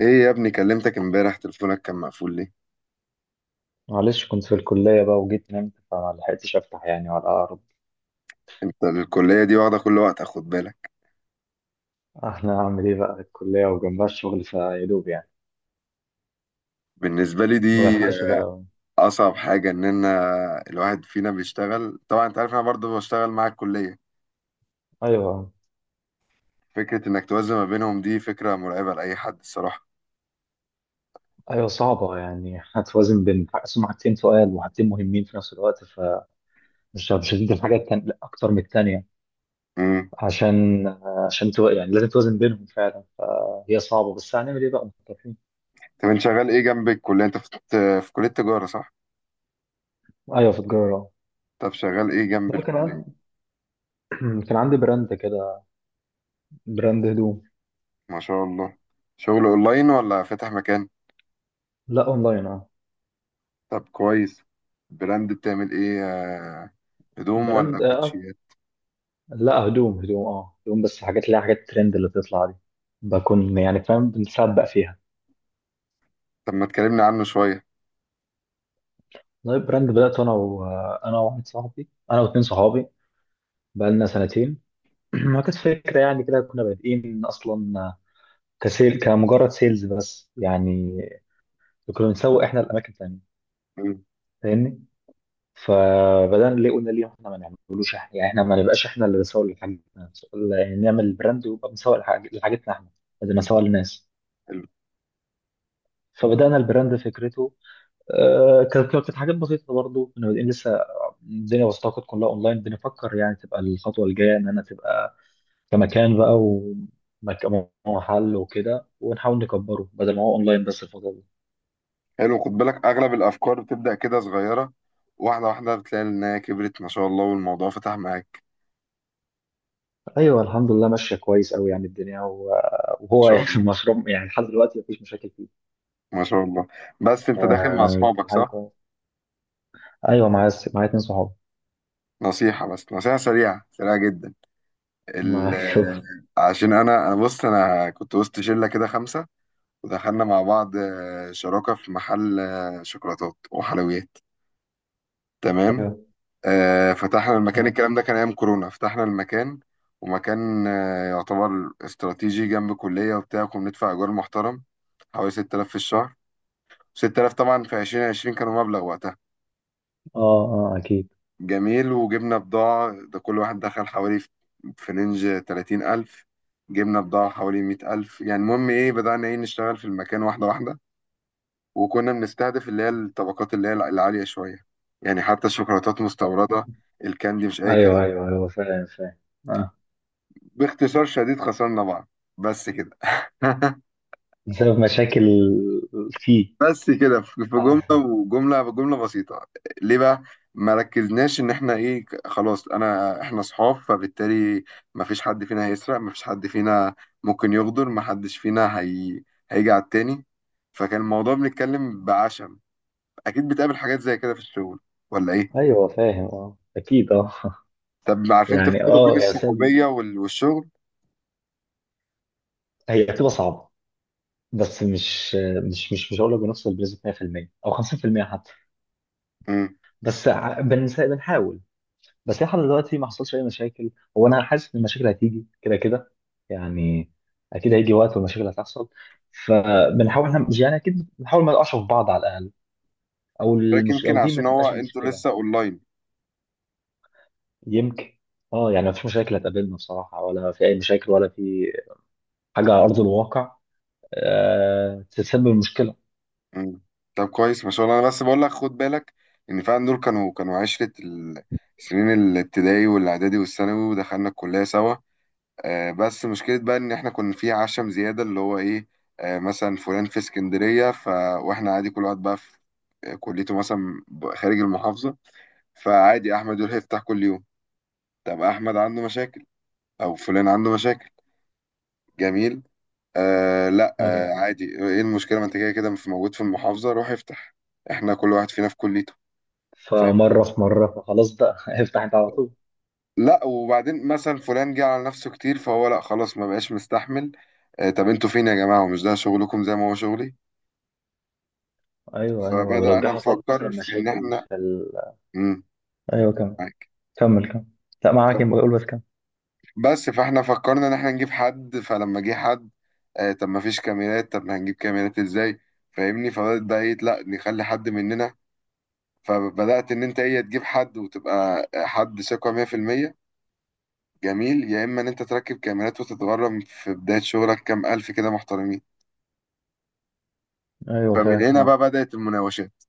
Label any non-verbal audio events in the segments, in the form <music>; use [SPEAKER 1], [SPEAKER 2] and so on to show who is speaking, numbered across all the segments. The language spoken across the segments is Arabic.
[SPEAKER 1] ايه يا ابني، كلمتك امبارح تليفونك كان مقفول ليه؟
[SPEAKER 2] معلش كنت في الكلية بقى وجيت نمت فما لحقتش أفتح يعني ولا أقرب.
[SPEAKER 1] انت الكلية دي واخدة كل وقت، اخد بالك.
[SPEAKER 2] أنا أعمل إيه بقى، الكلية وجنبها الشغل فيا دوب يعني،
[SPEAKER 1] بالنسبة لي
[SPEAKER 2] ما
[SPEAKER 1] دي
[SPEAKER 2] بلحقش بقى.
[SPEAKER 1] اصعب حاجة ان انا الواحد فينا بيشتغل. طبعا انت عارف انا برضو بشتغل مع الكلية.
[SPEAKER 2] أيوه.
[SPEAKER 1] فكرة انك توازن ما بينهم دي فكرة مرعبة لأي حد الصراحة.
[SPEAKER 2] أيوه صعبة يعني، <laughs> هتوازن بين سمعتين سؤال وحاجتين مهمين في نفس الوقت فمش مش هتدي الحاجة التانية لأ، أكتر من التانية.
[SPEAKER 1] امم
[SPEAKER 2] عشان عشان يعني لازم توازن بينهم فعلا. هي صعبة بس هنعمل إيه بقى، مضطرين.
[SPEAKER 1] طب انت شغال ايه جنب الكلية؟ انت في كلية تجارة، صح؟
[SPEAKER 2] أيوه في تجارة.
[SPEAKER 1] طب شغال ايه جنب
[SPEAKER 2] لا كان
[SPEAKER 1] الكلية؟
[SPEAKER 2] عندي، <clears throat> كان عندي براند كده، براند هدوم.
[SPEAKER 1] ما شاء الله. شغل اونلاين ولا فاتح مكان؟
[SPEAKER 2] لا أونلاين أه.
[SPEAKER 1] طب كويس. براند بتعمل ايه، هدوم ولا
[SPEAKER 2] براند، آه،
[SPEAKER 1] كوتشيات؟
[SPEAKER 2] لا هدوم، هدوم، اه هدوم بس حاجات اللي هي حاجات الترند اللي بتطلع دي، بكون يعني فاهم بنسبق فيها.
[SPEAKER 1] طب ما تكلمني عنه شوية.
[SPEAKER 2] لايف براند، بدأت انا وواحد صاحبي، انا واتنين صحابي، بقالنا سنتين. <clears throat> ما كانت فكرة يعني كده، كنا بادئين اصلا كسيل كمجرد سيلز بس يعني، كنا بنسوق احنا الاماكن تانية، فاهمني؟ فبدأنا ليه، قلنا ليه احنا ما نعملوش، احنا يعني احنا ما نبقاش احنا اللي بنسوق لحاجتنا، يعني نعمل البراند ويبقى بنسوق لحاجتنا احنا، بدل ما نسوق للناس.
[SPEAKER 1] حلو.
[SPEAKER 2] فبدأنا البراند فكرته، آه، كانت حاجات بسيطة، برضو كنا بادئين لسه، الدنيا بسيطة، كانت كلها أونلاين. بنفكر يعني تبقى الخطوة الجاية إن أنا تبقى كمكان بقى، ومكان ومحل وكده، ونحاول نكبره بدل ما هو أونلاين بس الفترة دي.
[SPEAKER 1] حلو، خد بالك اغلب الافكار بتبدا كده صغيره، واحده واحده بتلاقي انها كبرت ما شاء الله والموضوع فتح معاك.
[SPEAKER 2] أيوه الحمد لله ماشية كويس أوي يعني الدنيا، و-
[SPEAKER 1] ما
[SPEAKER 2] وهو
[SPEAKER 1] شاء
[SPEAKER 2] يعني <laughs>
[SPEAKER 1] الله
[SPEAKER 2] المشروع يعني لحد دلوقتي مفيش مشاكل فيه.
[SPEAKER 1] ما شاء الله. بس انت داخل مع
[SPEAKER 2] آه، كانت
[SPEAKER 1] اصحابك،
[SPEAKER 2] حاجة
[SPEAKER 1] صح؟
[SPEAKER 2] كويسة. أيوه، معايا اتنين صحاب.
[SPEAKER 1] نصيحه، بس نصيحه سريعه سريعه جدا. ال...
[SPEAKER 2] معايا <laughs>
[SPEAKER 1] عشان انا بص انا كنت وسط شله كده خمسه، ودخلنا مع بعض شراكه في محل شوكولاتات وحلويات. تمام.
[SPEAKER 2] أيوه.
[SPEAKER 1] فتحنا المكان،
[SPEAKER 2] أه.
[SPEAKER 1] الكلام ده كان ايام كورونا. فتحنا المكان، ومكان يعتبر استراتيجي جنب كلية وبتاع. كنا بندفع ايجار محترم حوالي 6000 في الشهر. 6000 طبعا في 2020 كانوا مبلغ وقتها.
[SPEAKER 2] أه أكيد.
[SPEAKER 1] جميل. وجبنا بضاعة، ده كل واحد دخل حوالي في في رينج 30,000. جبنا بضاعة حوالي 100,000. يعني المهم ايه، بدأنا ايه نشتغل في المكان واحدة واحدة، وكنا بنستهدف اللي هي الطبقات اللي هي العالية شوية، يعني حتى الشوكولاتات مستوردة، الكاندي مش أي
[SPEAKER 2] أيوه
[SPEAKER 1] كلام.
[SPEAKER 2] أيوه أيوه، فاهم فاهم. آه.
[SPEAKER 1] باختصار شديد خسرنا بعض، بس كده. <laughs>
[SPEAKER 2] بسبب مشاكل فيه.
[SPEAKER 1] بس كده، في في جملة
[SPEAKER 2] <laughs>
[SPEAKER 1] وجملة بجملة بسيطة. ليه بقى؟ ما ركزناش ان احنا ايه، خلاص انا احنا صحاب، فبالتالي ما فيش حد فينا هيسرق، ما فيش حد فينا ممكن يغدر، ما حدش فينا هيجي على التاني. فكان الموضوع بنتكلم بعشم. اكيد بتقابل حاجات زي كده في الشغل ولا ايه؟
[SPEAKER 2] ايوه فاهم اه، اكيد اه. <laughs>
[SPEAKER 1] طب عارفين
[SPEAKER 2] يعني
[SPEAKER 1] تفصلوا بين
[SPEAKER 2] اه، يعني
[SPEAKER 1] الصحوبية والشغل؟
[SPEAKER 2] هي بتبقى صعبه، بس مش هقول لك بنوصل بنسبه 100% او 50% حتى،
[SPEAKER 1] امم
[SPEAKER 2] بس بنحاول، بس لحد دلوقتي ما حصلش اي مشاكل. هو انا حاسس ان المشاكل هتيجي كده كده يعني، اكيد هيجي وقت والمشاكل هتحصل، فبنحاول احنا مش- يعني اكيد بنحاول ما نقعش في بعض على الاقل،
[SPEAKER 1] يمكن
[SPEAKER 2] او دي ما
[SPEAKER 1] عشان هو
[SPEAKER 2] تبقاش
[SPEAKER 1] انتوا
[SPEAKER 2] المشكله.
[SPEAKER 1] لسه اونلاين.
[SPEAKER 2] يمكن. اه يعني ما فيش مشاكل هتقابلنا بصراحه، ولا في اي مشاكل ولا في حاجه على ارض الواقع آه، تسبب مشكله.
[SPEAKER 1] مم. طب كويس ما شاء الله. انا بس بقول لك خد بالك ان فعلا دول كانوا عشرة السنين، الابتدائي والاعدادي والثانوي، ودخلنا الكلية سوا. آه بس مشكلة بقى ان احنا كنا في عشم زيادة اللي هو ايه. آه مثلا فلان في اسكندرية، ف واحنا عادي كل واحد بقى في كليته مثلا خارج المحافظة. فعادي احمد يروح يفتح كل يوم. طب احمد عنده مشاكل او فلان عنده مشاكل. جميل. آه لا
[SPEAKER 2] ايوه.
[SPEAKER 1] آه عادي، ايه المشكلة؟ ما انت كده كده موجود في المحافظة، روح افتح. احنا كل واحد فينا في كليته. فاهم.
[SPEAKER 2] فمره في مره فخلاص بقى، <laughs> افتح انت على طول.
[SPEAKER 1] لا وبعدين مثلا فلان جه على نفسه كتير، فهو لا خلاص، ما بقاش مستحمل. آه طب انتوا فين يا جماعة؟ ومش ده شغلكم زي ما هو شغلي؟
[SPEAKER 2] ايوه ايوه،
[SPEAKER 1] فبدأ
[SPEAKER 2] ولو جه
[SPEAKER 1] انا
[SPEAKER 2] حصل مثلا
[SPEAKER 1] نفكر في ان
[SPEAKER 2] مشاكل
[SPEAKER 1] احنا.
[SPEAKER 2] في
[SPEAKER 1] امم
[SPEAKER 2] ايوه كمل.
[SPEAKER 1] معاك.
[SPEAKER 2] كمل. لا معاك، يبقى قول، بس كمل.
[SPEAKER 1] بس فاحنا فكرنا ان احنا نجيب حد، فلما جه حد آه طب ما فيش كاميرات، طب ما هنجيب كاميرات ازاي؟ فاهمني؟ فبدأت بقى ايه، لا نخلي حد مننا. فبدأت إن أنت إيه تجيب حد وتبقى حد ثقة 100%. جميل. يا إما إن أنت تركب كاميرات وتتغرم في بداية شغلك كام ألف كده محترمين.
[SPEAKER 2] ايوه
[SPEAKER 1] فمن
[SPEAKER 2] فاهم
[SPEAKER 1] هنا
[SPEAKER 2] اه.
[SPEAKER 1] بقى بدأت المناوشات.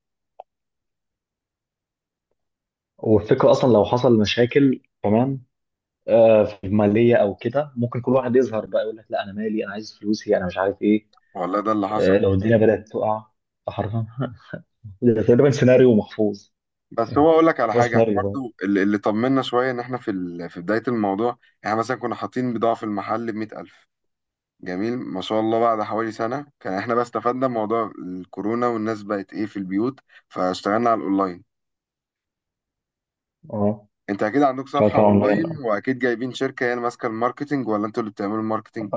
[SPEAKER 2] والفكره اصلا لو حصل مشاكل كمان آه، في الماليه او كده، ممكن كل واحد يظهر بقى يقول لك لا انا مالي، انا عايز فلوسي، انا مش عارف ايه.
[SPEAKER 1] والله ده اللي حصل.
[SPEAKER 2] آه، لو الدنيا بدات تقع حرفيا <laughs> ده تقريبا سيناريو محفوظ،
[SPEAKER 1] بس هو أقول لك على
[SPEAKER 2] هو
[SPEAKER 1] حاجة، إحنا
[SPEAKER 2] سيناريو بقى.
[SPEAKER 1] برضو اللي طمنا شوية إن إحنا في في بداية الموضوع، إحنا مثلا كنا حاطين بضاعة في المحل بمية ألف. جميل. ما شاء الله بعد حوالي سنة كان إحنا بقى استفدنا من موضوع الكورونا والناس بقت إيه في البيوت، فاشتغلنا على الأونلاين.
[SPEAKER 2] اه
[SPEAKER 1] انت اكيد عندك
[SPEAKER 2] شغال
[SPEAKER 1] صفحة اونلاين
[SPEAKER 2] طبعا.
[SPEAKER 1] واكيد جايبين شركة هي اللي ماسكة الماركتينج ولا انتوا اللي بتعملوا الماركتينج؟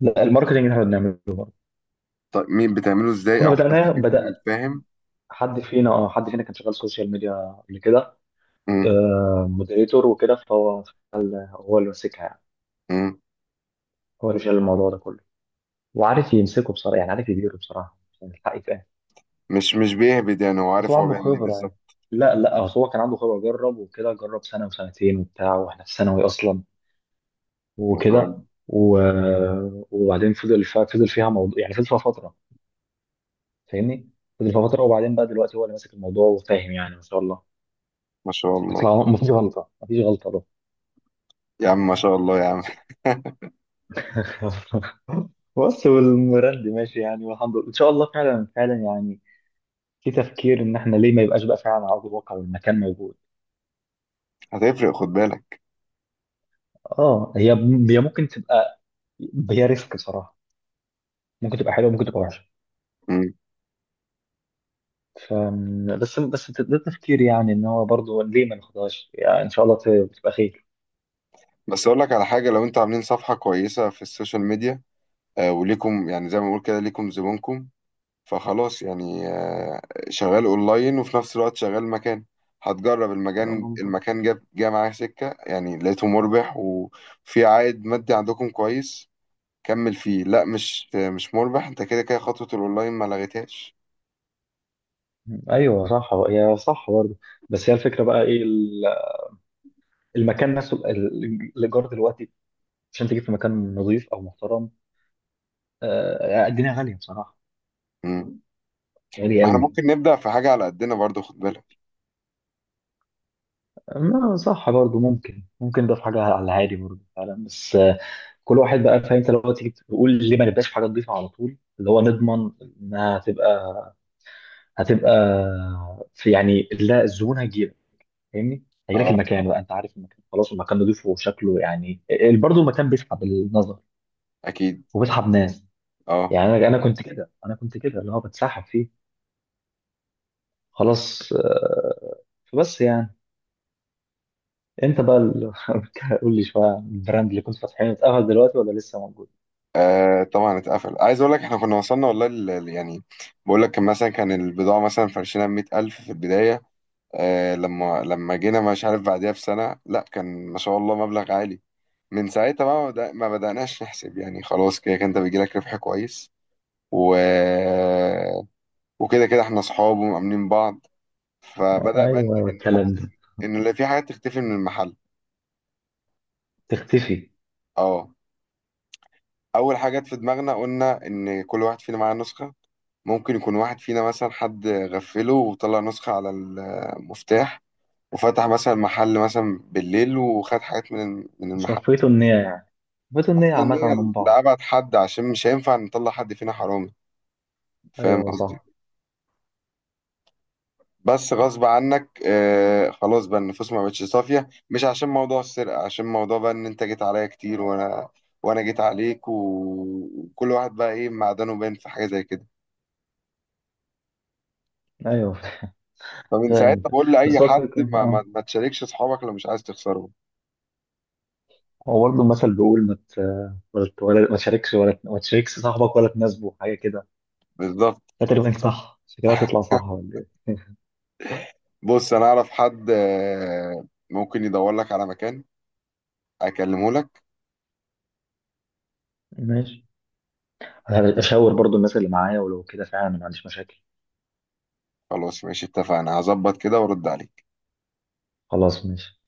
[SPEAKER 2] لا الماركتنج اللي احنا بنعمله.
[SPEAKER 1] طيب مين بتعمله؟ ازاي،
[SPEAKER 2] كنا
[SPEAKER 1] او حد
[SPEAKER 2] بدأنا
[SPEAKER 1] فيكم؟
[SPEAKER 2] بدأ
[SPEAKER 1] فاهم.
[SPEAKER 2] حد فينا، اه حد فينا كان شغال سوشيال ميديا قبل كده،
[SPEAKER 1] امم
[SPEAKER 2] آه مودريتور وكده، فهو هو اللي ماسكها يعني،
[SPEAKER 1] امم
[SPEAKER 2] هو اللي شايل الموضوع ده كله وعارف يمسكه بصراحة، يعني عارف يديره بصراحة عشان الحق يتقال.
[SPEAKER 1] مش بيهبد يعني، هو
[SPEAKER 2] بس هو
[SPEAKER 1] عارف هو
[SPEAKER 2] عنده
[SPEAKER 1] بيعمل ايه
[SPEAKER 2] خبرة يعني.
[SPEAKER 1] بالظبط.
[SPEAKER 2] لا أصل هو كان عنده خبرة، جرب وكده، جرب سنة وسنتين وبتاع، واحنا في ثانوي أصلا
[SPEAKER 1] ما شاء الله.
[SPEAKER 2] وكده، و... وبعدين فضل فيها موضوع يعني، فضل فيها فترة، فاهمني؟ فضل فيها فترة، وبعدين بقى دلوقتي هو اللي ماسك الموضوع وفاهم يعني، ما شاء الله،
[SPEAKER 1] ما شاء الله
[SPEAKER 2] ما فيش غلطة.
[SPEAKER 1] يا عم، ما شاء الله يا عم.
[SPEAKER 2] <laughs> بص والمراندي ماشي يعني، والحمد لله، ان شاء الله، فعلا يعني، في تفكير ان احنا ليه ما يبقاش بقى فعلا على ارض الواقع والمكان موجود.
[SPEAKER 1] <laughs> هتفرق، خد بالك.
[SPEAKER 2] اه هي، هي ممكن تبقى، هي ريسك بصراحه، ممكن تبقى حلوه ممكن تبقى وحشه.
[SPEAKER 1] امم
[SPEAKER 2] ف بس، بس ده تفكير يعني ان هو برضه ليه ما ناخدهاش يعني، ان شاء الله تبقى خير.
[SPEAKER 1] بس اقول لك على حاجة، لو انتوا عاملين صفحة كويسة في السوشيال ميديا، آه وليكم يعني زي ما بقول كده ليكم زبونكم، فخلاص يعني شغال اونلاين وفي نفس الوقت شغال مكان. هتجرب
[SPEAKER 2] لا
[SPEAKER 1] المكان،
[SPEAKER 2] ممكن.
[SPEAKER 1] المكان جاب جه معايا سكة يعني، لقيته مربح وفي عائد مادي عندكم كويس، كمل فيه. لا مش مش مربح، انت كده كده خطوة الاونلاين ما لغيتهاش.
[SPEAKER 2] ايوه صح، هي صح برضه. بس هي الفكره بقى ايه، المكان نفسه، الايجار دلوقتي عشان تجيب في مكان نظيف او محترم، آه، الدنيا غاليه بصراحه،
[SPEAKER 1] مم.
[SPEAKER 2] غالي
[SPEAKER 1] ما احنا
[SPEAKER 2] قوي.
[SPEAKER 1] ممكن نبدأ في حاجة على قدنا برضو، خد بالك.
[SPEAKER 2] ما صح برضو، ممكن، ممكن ده في حاجه على الهادي برضو فعلا، بس آه، كل واحد بقى فاهم، انت لو تيجي تقول ليه ما نبقاش في حاجه نضيفه على طول، اللي هو نضمن انها هتبقى في، يعني لا الزبون هيجيلك، فاهمني؟ هيجيلك
[SPEAKER 1] اه
[SPEAKER 2] المكان
[SPEAKER 1] طبعاً.
[SPEAKER 2] بقى، انت عارف المكان خلاص، المكان نضيفه وشكله يعني برضو المكان بيسحب النظر
[SPEAKER 1] اكيد.
[SPEAKER 2] وبيسحب ناس
[SPEAKER 1] اه
[SPEAKER 2] يعني. انا كنت كده اللي هو بتسحب فيه خلاص آه، فبس يعني انت بقى <laughs> قول لي شويه عن البراند اللي كنت فاتحينه، اتقفل دلوقتي ولا لسه موجود؟
[SPEAKER 1] آه طبعا اتقفل. عايز اقول لك احنا كنا وصلنا والله يعني، بقول لك كان مثلا كان البضاعة مثلا فرشنا 100,000 في البداية، آه لما جينا مش عارف بعديها بسنة، لا كان ما شاء الله مبلغ عالي. من ساعتها بقى ما بدأناش نحسب، يعني خلاص كده كده انت بيجيلك ربح كويس، و... وكده كده احنا اصحاب ومأمنين بعض.
[SPEAKER 2] ايوه
[SPEAKER 1] فبدأ بقى
[SPEAKER 2] ايوه
[SPEAKER 1] ان
[SPEAKER 2] الكلام ده.
[SPEAKER 1] إن اللي في حاجات تختفي من المحل.
[SPEAKER 2] تختفي.
[SPEAKER 1] اه. اول حاجة جت في دماغنا قلنا ان كل واحد فينا معاه نسخة، ممكن يكون واحد فينا مثلا حد غفله وطلع نسخة على المفتاح، وفتح مثلا محل مثلا بالليل وخد حاجات من من المحل.
[SPEAKER 2] صفيتوا النية يعني، صفيتوا النية
[SPEAKER 1] احنا
[SPEAKER 2] عامة
[SPEAKER 1] النية
[SPEAKER 2] من بعض.
[SPEAKER 1] لأبعد حد عشان مش هينفع نطلع حد فينا حرامي، فاهم
[SPEAKER 2] ايوه
[SPEAKER 1] قصدي.
[SPEAKER 2] صح.
[SPEAKER 1] بس غصب عنك آه خلاص بقى النفوس ما بقتش صافية. مش عشان موضوع السرقة، عشان موضوع بقى ان انت جيت عليا كتير وانا، وانا جيت عليك وكل واحد بقى ايه معدنه باين في حاجة زي كده.
[SPEAKER 2] ايوه
[SPEAKER 1] فمن
[SPEAKER 2] فاهم.
[SPEAKER 1] ساعتها بقول لأي
[SPEAKER 2] بس هو
[SPEAKER 1] حد
[SPEAKER 2] الفكرة
[SPEAKER 1] ما, ما,
[SPEAKER 2] اه،
[SPEAKER 1] ما تشاركش اصحابك لو مش عايز تخسرهم.
[SPEAKER 2] هو برضه المثل بيقول ما ت- ولا ت- ولا- ما تشاركش، ولا ما تشاركش صاحبك ولا تناسبه حاجة كده.
[SPEAKER 1] بالظبط.
[SPEAKER 2] ده تقريبا صح، شكلها تطلع صح ولا ايه؟ <laughs>
[SPEAKER 1] بص انا اعرف حد آه ممكن يدور لك على مكان، اكلمه لك.
[SPEAKER 2] ماشي. انا هشاور برضه الناس اللي معايا، ولو كده فعلا ما عنديش مشاكل.
[SPEAKER 1] خلاص ماشي، اتفقنا. هظبط كده وارد عليك.
[SPEAKER 2] خلاص ماشي.